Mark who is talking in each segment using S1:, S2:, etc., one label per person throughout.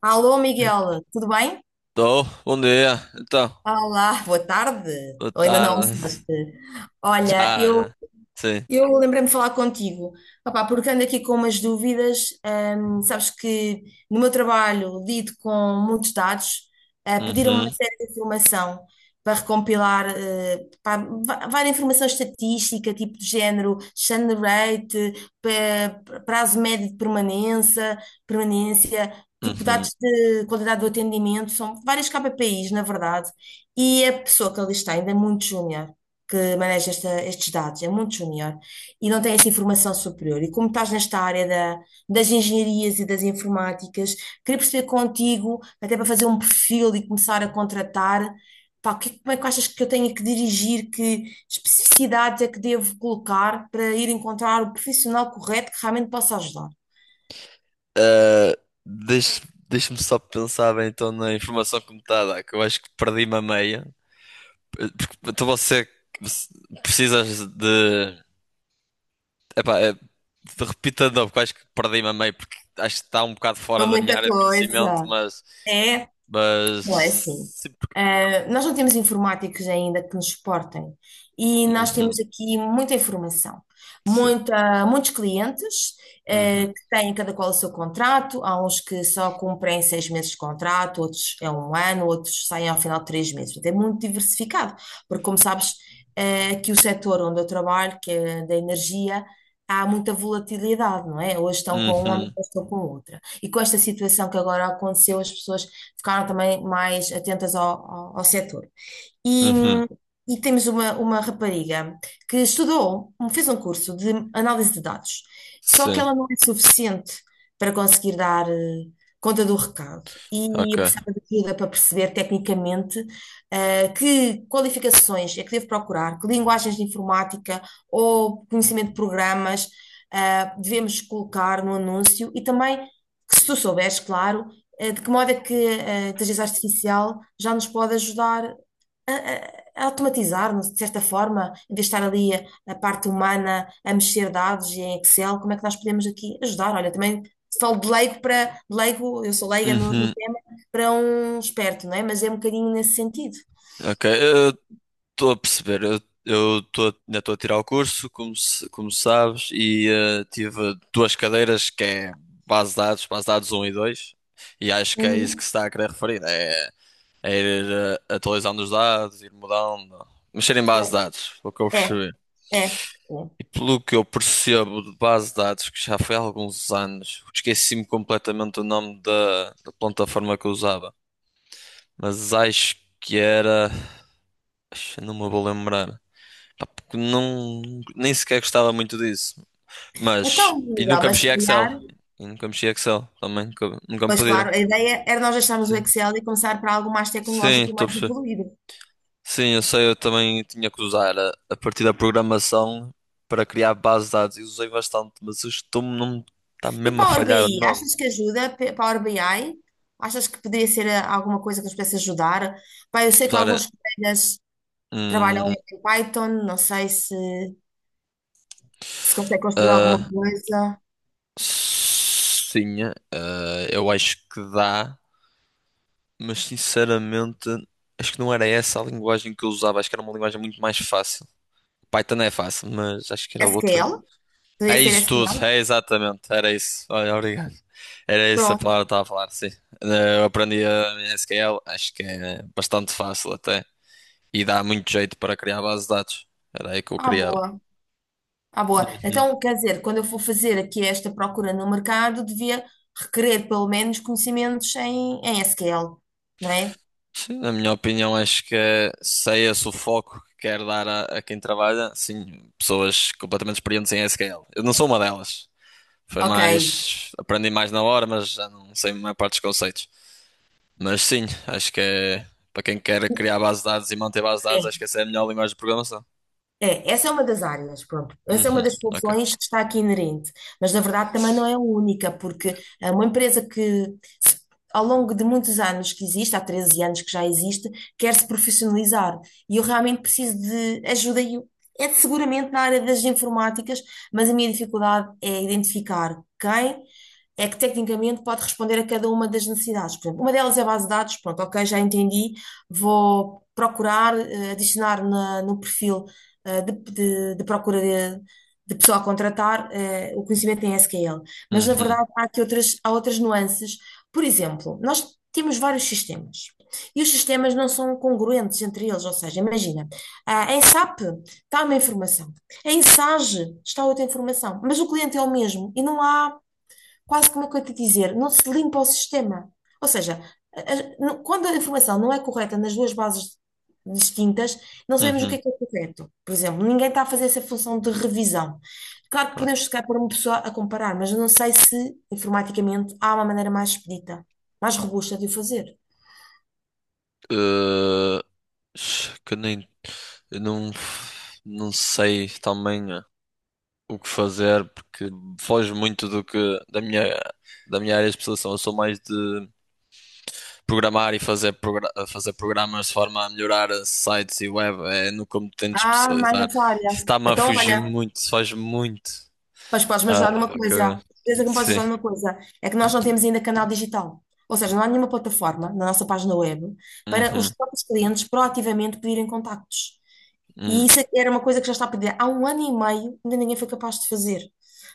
S1: Alô, Miguel, tudo bem?
S2: Tô, bom dia. Então,
S1: Olá, boa tarde.
S2: boa
S1: Ou ainda não
S2: tarde.
S1: almoçaste? Olha,
S2: Já,
S1: eu
S2: já. Sim.
S1: eu lembrei-me de falar contigo, opá, porque ando aqui com umas dúvidas. Sabes que no meu trabalho lido com muitos dados, pediram-me uma
S2: Uhum,
S1: série de informação para recompilar, pá, várias informação estatística, tipo de género, churn rate, prazo médio de permanência, permanência, tipo
S2: uhum.
S1: dados de qualidade do atendimento, são vários KPIs, na verdade, e a pessoa que ali está ainda é muito júnior, que maneja estes dados, é muito júnior e não têm essa informação superior. E como estás nesta área das engenharias e das informáticas, queria perceber contigo, até para fazer um perfil e começar a contratar. Pá, como é que achas que eu tenho que dirigir, que especificidades é que devo colocar para ir encontrar o profissional correto que realmente possa ajudar?
S2: Ah, deixa, deixa-me só pensar bem então na informação que me está a dar, que eu acho que perdi-me a meia. Porque, então você precisas de. Epá, é, repita de novo, que eu acho que perdi-me a meia, porque acho que está um bocado fora
S1: Foi
S2: da minha
S1: muita
S2: área de conhecimento,
S1: coisa.
S2: mas.
S1: É?
S2: Mas.
S1: Não é assim.
S2: Sim.
S1: Ah, nós não temos informáticos ainda que nos suportem e nós temos
S2: Uhum,
S1: aqui muita informação,
S2: sim.
S1: muita, muitos clientes,
S2: Uhum,
S1: que têm cada qual o seu contrato. Há uns que só cumprem 6 meses de contrato, outros é um ano, outros saem ao final de 3 meses. Portanto, é muito diversificado, porque, como sabes, aqui o setor onde eu trabalho, que é da energia, há muita volatilidade, não é? Hoje estão com uma, hoje
S2: uhum,
S1: estão com outra. E com esta situação que agora aconteceu, as pessoas ficaram também mais atentas ao setor. E,
S2: uhum.
S1: e temos uma rapariga que estudou, fez um curso de análise de dados, só que
S2: Sim,
S1: ela não é suficiente para conseguir dar, conta do recado. E
S2: ok.
S1: eu precisava de ajuda para perceber tecnicamente, que qualificações é que devo procurar, que linguagens de informática ou conhecimento de programas devemos colocar no anúncio, e também, que se tu souberes, claro, de que modo é que a inteligência artificial já nos pode ajudar a automatizar-nos, de certa forma. Em vez de estar ali a parte humana a mexer dados e em Excel, como é que nós podemos aqui ajudar? Olha, também falo de leigo para, de leigo, eu sou leiga no
S2: Uhum,
S1: tema, para um esperto, não é? Mas é um bocadinho nesse sentido.
S2: ok, eu estou a perceber. Eu tô, ainda estou a tirar o curso, como, como sabes, e tive duas cadeiras que é base de dados um e 2 e acho que é isso que
S1: Uhum.
S2: se está a querer referir. É, ir atualizando os dados, ir mudando, mexer em base de dados, foi o que eu
S1: É,
S2: percebi.
S1: é. É. É.
S2: E pelo que eu percebo de base de dados, que já foi há alguns anos, esqueci-me completamente o nome da plataforma que eu usava, mas acho que era. Acho que não me vou lembrar. Pá, porque não, nem sequer gostava muito disso. Mas,
S1: Então,
S2: e
S1: Miguel,
S2: nunca
S1: mas
S2: mexi
S1: se
S2: a Excel.
S1: calhar,
S2: E nunca mexi a Excel também, nunca, nunca me
S1: pois claro,
S2: pediram.
S1: a ideia era nós deixarmos o
S2: Sim,
S1: Excel e começar para algo mais
S2: sim,
S1: tecnológico e
S2: estou a
S1: mais
S2: perceber.
S1: evoluído.
S2: Sim, eu sei, eu também tinha que usar a partir da programação para criar bases de dados e usei bastante, mas estou-me não está
S1: E
S2: mesmo a
S1: Power
S2: falhar o
S1: BI,
S2: nome.
S1: achas que ajuda? Power BI? Achas que poderia ser, alguma coisa que nos pudesse ajudar? Pá, eu sei que
S2: Usar,
S1: alguns colegas trabalham
S2: hum,
S1: em Python, não sei se consegue construir alguma
S2: ah,
S1: coisa.
S2: sim, ah, eu acho que dá, mas sinceramente acho que não era essa a linguagem que eu usava, acho que era uma linguagem muito mais fácil. Python é fácil, mas acho que era outra.
S1: SQL?
S2: É
S1: Poderia ser
S2: isso tudo,
S1: SQL?
S2: é exatamente, era isso. Olha, obrigado. Era isso a
S1: Pronto,
S2: palavra que estava a falar, sim. Eu aprendi a SQL, acho que é bastante fácil até. E dá muito jeito para criar bases de dados. Era aí que eu
S1: à
S2: criava.
S1: boa, à boa.
S2: Uhum.
S1: Então, quer dizer, quando eu for fazer aqui esta procura no mercado, devia requerer pelo menos conhecimentos em SQL, não é?
S2: Sim, na minha opinião, acho que é- se é esse o foco que quero dar a quem trabalha, sim, pessoas completamente experientes em SQL. Eu não sou uma delas. Foi
S1: Ok.
S2: mais, aprendi mais na hora, mas já não sei a maior parte dos conceitos. Mas sim, acho que é para quem quer criar base de dados e manter base de dados,
S1: É.
S2: acho que essa é a melhor linguagem de programação.
S1: É, essa é uma das áreas, pronto. Essa é uma
S2: Uhum,
S1: das
S2: ok.
S1: funções que está aqui inerente, mas na verdade também não é a única, porque, uma empresa que ao longo de muitos anos que existe, há 13 anos que já existe, quer-se profissionalizar. E eu realmente preciso de ajuda, é seguramente na área das informáticas, mas a minha dificuldade é identificar quem é que tecnicamente pode responder a cada uma das necessidades. Por exemplo, uma delas é a base de dados, pronto, ok, já entendi. Vou procurar, adicionar no perfil, de, de procura de, pessoa a contratar, o conhecimento em SQL. Mas, na
S2: Uhum,
S1: verdade, há aqui outras, há outras nuances. Por exemplo, nós temos vários sistemas e os sistemas não são congruentes entre eles. Ou seja, imagina, em SAP está uma informação, em SAGE está outra informação, mas o cliente é o mesmo e não há quase, como eu te dizer, não se limpa o sistema. Ou seja, quando a informação não é correta nas duas bases distintas, não sabemos o
S2: uhum.
S1: que é correto. Por exemplo, ninguém está a fazer essa função de revisão. Claro que
S2: Ok.
S1: podemos chegar para uma pessoa a comparar, mas eu não sei se, informaticamente, há uma maneira mais expedita, mais robusta de o fazer.
S2: Uh, que nem eu não sei também o que fazer porque foge muito do que da minha da minha área de especialização. Eu sou mais de programar e fazer fazer programas de forma a melhorar sites e web, é no que eu me tento
S1: Ah, mais
S2: especializar.
S1: nessa área.
S2: Isso está-me a
S1: Então,
S2: fugir
S1: olha,
S2: muito, foge muito.
S1: mas podes-me
S2: Ah,
S1: ajudar numa
S2: caraca.
S1: coisa. Certeza que me podes
S2: Sim.
S1: ajudar numa coisa. É que nós não temos ainda canal digital. Ou seja, não há nenhuma plataforma na nossa página web para os
S2: Uhum.
S1: próprios clientes proativamente pedirem contactos.
S2: Uhum.
S1: E isso era uma coisa que já está a pedir há um ano e meio, ainda ninguém foi capaz de fazer.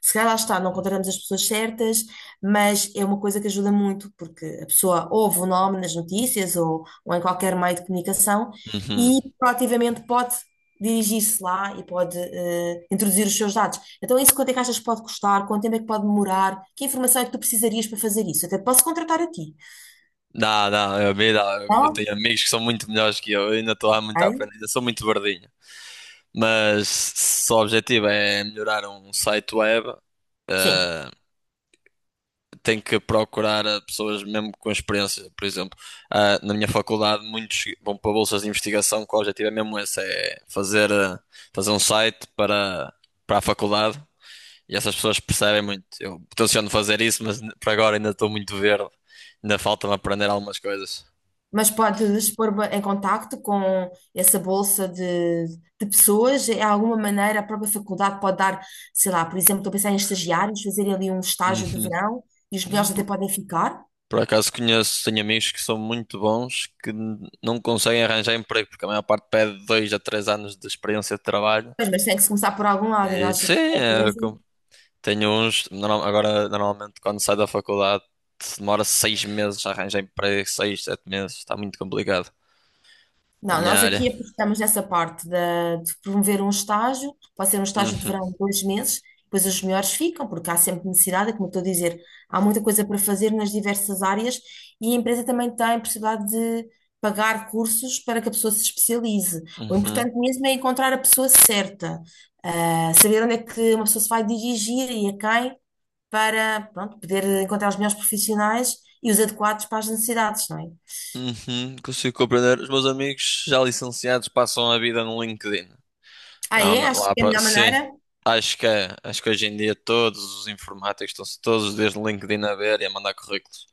S1: Se calhar lá está, não encontramos as pessoas certas, mas é uma coisa que ajuda muito, porque a pessoa ouve o nome nas notícias, ou em qualquer meio de comunicação,
S2: Uhum.
S1: e proativamente pode dirigir-se lá e pode, introduzir os seus dados. Então, isso quanto é que achas que pode custar? Quanto tempo é que pode demorar? Que informação é que tu precisarias para fazer isso? Até posso contratar a ti.
S2: Não, não, me dá. Eu
S1: Não?
S2: tenho amigos que são muito melhores que eu. Eu ainda estou há muito a
S1: Ok?
S2: aprender. Ainda sou muito verdinho. Mas se o objetivo é melhorar um site web,
S1: Sim.
S2: eh, tem que procurar pessoas mesmo com experiência. Por exemplo, ah, na minha faculdade, muitos vão para bolsas de investigação, que o objetivo é mesmo esse, é fazer um site para a faculdade. E essas pessoas percebem muito. Eu tenciono fazer isso, mas por agora ainda estou muito verde. Ainda falta-me aprender algumas coisas.
S1: Mas podes pôr em contacto com essa bolsa de pessoas? De alguma maneira, a própria faculdade pode dar, sei lá, por exemplo, estou a pensar em estagiários, fazerem ali um estágio de
S2: Uhum.
S1: verão, e os melhores
S2: Hum,
S1: até
S2: Por,
S1: podem ficar.
S2: por acaso conheço, tenho amigos que são muito bons, que não conseguem arranjar emprego, porque a maior parte pede 2 a 3 anos de experiência de trabalho.
S1: Pois, mas tem que se começar por algum lado, e
S2: E,
S1: nós
S2: sim,
S1: aqui na
S2: é
S1: empresa.
S2: tenho uns. Agora, normalmente, quando sai da faculdade, demora 6 meses a arranjar emprego, seis, sete meses. Está muito complicado na
S1: Não,
S2: minha
S1: nós
S2: área.
S1: aqui apostamos nessa parte de promover um estágio. Pode ser um estágio de
S2: Uhum,
S1: verão de 2 meses, depois os melhores ficam, porque há sempre necessidade. É como eu estou a dizer, há muita coisa para fazer nas diversas áreas, e a empresa também tem possibilidade de pagar cursos para que a pessoa se especialize. O
S2: uhum.
S1: importante mesmo é encontrar a pessoa certa, saber onde é que uma pessoa se vai dirigir e a quem, para, pronto, poder encontrar os melhores profissionais e os adequados para as necessidades, não é?
S2: Uhum, consigo compreender. Os meus amigos já licenciados passam a vida no LinkedIn.
S1: Ah,
S2: Não,
S1: é?
S2: mas
S1: Acho
S2: lá
S1: que é a
S2: para.
S1: melhor
S2: Sim,
S1: maneira.
S2: acho que é. Acho que hoje em dia todos os informáticos estão-se todos os dias no LinkedIn a ver e a mandar currículos.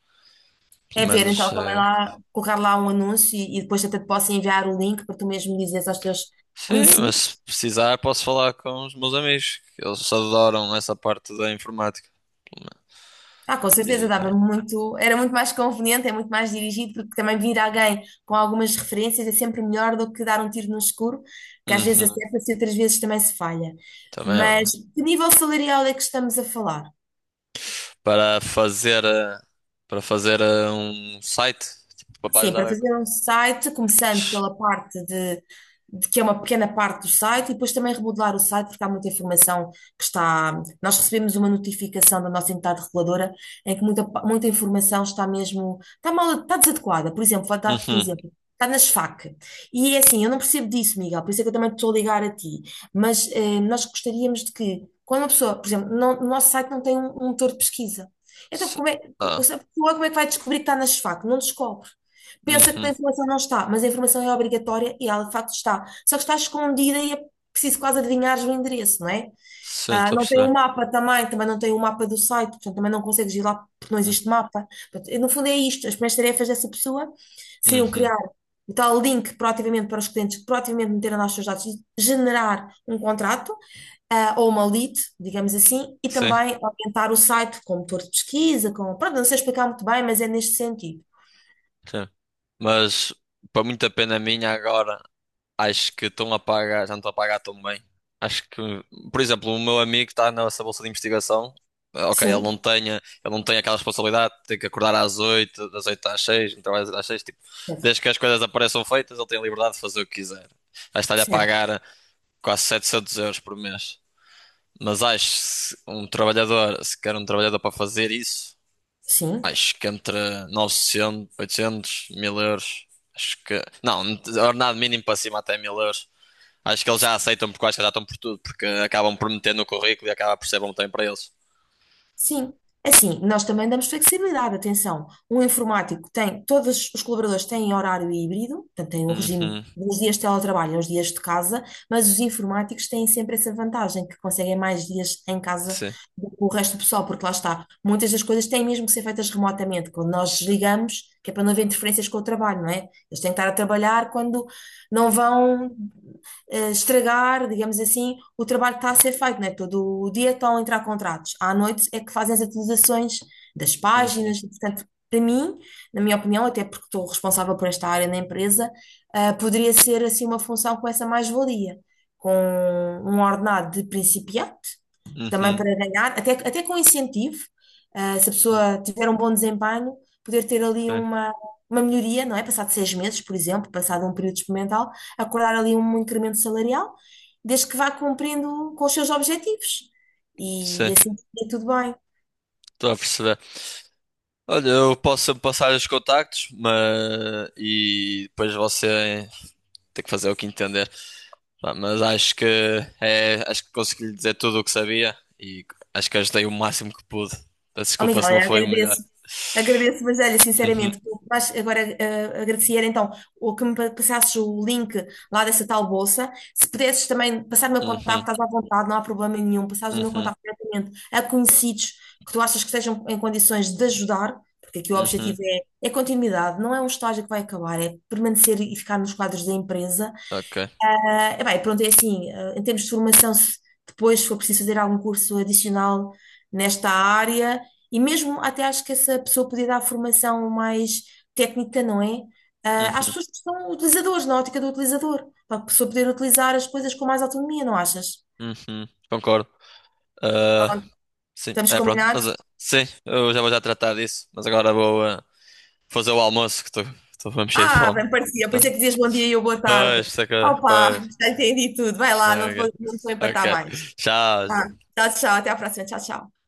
S2: Pelo
S1: É ver,
S2: menos,
S1: então, também lá, colocar lá um anúncio, e depois até te posso enviar o link para tu mesmo dizeres aos teus
S2: sim, mas se
S1: conhecidos.
S2: precisar posso falar com os meus amigos, que eles adoram essa parte da informática. Pelo menos.
S1: Ah, com certeza,
S2: E tá.
S1: dava muito, era muito mais conveniente, é muito mais dirigido, porque também vir alguém com algumas referências é sempre melhor do que dar um tiro no escuro, que às vezes
S2: Uhum,
S1: acerta-se e outras vezes também se falha.
S2: também é
S1: Mas
S2: verdade.
S1: que nível salarial é que estamos a falar?
S2: Para fazer, eh, para fazer um site, tipo, para
S1: Sim,
S2: ajudar
S1: para fazer
S2: a.
S1: um site, começando pela parte de, que é uma pequena parte do site, e depois também remodelar o site, porque há muita informação que está. Nós recebemos uma notificação da nossa entidade reguladora em que muita, muita informação está mesmo, está mal, está desadequada. Por exemplo, vou dar-te um
S2: Uhum.
S1: exemplo. Está nas FAQ. E é assim, eu não percebo disso, Miguel, por isso é que eu também te estou a ligar a ti. Mas, nós gostaríamos de que, quando uma pessoa, por exemplo, no nosso site não tem um motor de pesquisa. Então, como é, a pessoa, como é que vai descobrir que está nas FAQ? Não descobre, pensa que
S2: Uhum.
S1: a informação não está, mas a informação é obrigatória e ela de facto está. Só que está escondida e é preciso quase adivinhar o endereço, não é?
S2: Sim,
S1: Ah,
S2: estou a
S1: não tem o
S2: perceber.
S1: mapa também, também não tem o mapa do site, portanto também não consegues ir lá porque não existe mapa. Portanto, e, no fundo, é isto, as primeiras tarefas dessa pessoa seriam
S2: Uhum.
S1: criar o tal link proativamente para os clientes que proativamente meteram lá os seus dados e generar um contrato, ou uma lead, digamos assim, e
S2: Sim,
S1: também orientar o site com motor de pesquisa, com... Pronto, não sei explicar muito bem, mas é neste sentido.
S2: sim. Mas, para muita pena minha, agora acho que estão a pagar, já não estão a pagar tão bem. Acho que, por exemplo, o meu amigo está nessa bolsa de investigação. Ok, ele não
S1: Sim,
S2: tem, ele não tem aquela responsabilidade de ter que acordar às oito, das 8 às 6 não trabalha, às 6 tipo,
S1: certo.
S2: desde que as coisas apareçam feitas, ele tem a liberdade de fazer o que quiser. Acho que está-lhe a
S1: Certo.
S2: pagar quase 700 euros por mês. Mas acho que se um trabalhador, se quer um trabalhador para fazer isso.
S1: Sim,
S2: Acho que entre 900, 800, 1.000 euros. Acho que. Não, ordenado mínimo para cima até 1.000 euros. Acho que eles já
S1: sim.
S2: aceitam porque eu acho que já estão por tudo, porque acabam por meter no currículo e acaba por ser bom também para eles.
S1: Sim. Assim, nós também damos flexibilidade, atenção. Um informático tem, todos os colaboradores têm horário híbrido, portanto, têm um regime
S2: Uhum,
S1: dos dias de teletrabalho aos dias de casa, mas os informáticos têm sempre essa vantagem, que conseguem mais dias em casa
S2: sim.
S1: do que o resto do pessoal, porque lá está, muitas das coisas têm mesmo que ser feitas remotamente, quando nós desligamos, que é para não haver interferências com o trabalho, não é? Eles têm que estar a trabalhar quando não vão estragar, digamos assim, o trabalho que está a ser feito, né? Todo o dia estão a entrar contratos. À noite é que fazem as atualizações das
S2: Uhum,
S1: páginas. Portanto, para mim, na minha opinião, até porque estou responsável por esta área na empresa, poderia ser assim uma função com essa mais-valia, com um ordenado de principiante, também
S2: uhum,
S1: para ganhar, até com incentivo, se a
S2: uhum,
S1: pessoa tiver um bom desempenho, poder ter ali
S2: sim.
S1: uma, melhoria, não é? Passado 6 meses, por exemplo, passado um período experimental, acordar ali um incremento salarial, desde que vá cumprindo com os seus objetivos. E
S2: Sim,
S1: assim fica tudo bem.
S2: estou a perceber. Olha, eu posso passar os contactos, mas. E depois você tem que fazer o que entender. Pá, mas acho que é, acho que consegui lhe dizer tudo o que sabia e acho que ajudei o máximo que pude. Peço
S1: Oh,
S2: desculpa
S1: Miguel,
S2: se não
S1: eu
S2: foi o melhor.
S1: agradeço. Agradeço, mas olha,
S2: Uhum,
S1: sinceramente, o que mais agora, agradecer então o que me passasses o link lá dessa tal bolsa. Se pudesses também passar o meu contacto,
S2: uhum,
S1: estás à vontade, não há problema nenhum. Passares o meu
S2: uhum,
S1: contacto diretamente a conhecidos que tu achas que estejam em condições de ajudar, porque aqui o
S2: uhum.
S1: objetivo é continuidade, não é um estágio que vai acabar, é permanecer e ficar nos quadros da empresa.
S2: Ok.
S1: Ah, bem, pronto, é assim, em termos de formação, se depois for preciso fazer algum curso adicional nesta área, e mesmo até acho que essa pessoa podia dar formação mais técnica, não é? Ah, às
S2: Uhum,
S1: pessoas que são utilizadores, na ótica do utilizador, para a pessoa poder utilizar as coisas com mais autonomia, não achas?
S2: uhum. Concordo. Ah, sim,
S1: Estamos
S2: é pronto.
S1: combinados?
S2: Mas, ah, sim, eu já vou já tratar disso. Mas agora vou fazer o almoço que estou mesmo cheio de
S1: Ah,
S2: fome.
S1: bem parecia, por isso
S2: Tá.
S1: é que dizias bom dia e eu boa tarde.
S2: Pois, saca,
S1: Opa,
S2: pois.
S1: já entendi tudo. Vai lá, não te
S2: Ok,
S1: vou, não te vou
S2: ok.
S1: empatar mais. Tá.
S2: Tchau.
S1: Tchau, tchau, até à próxima. Tchau, tchau.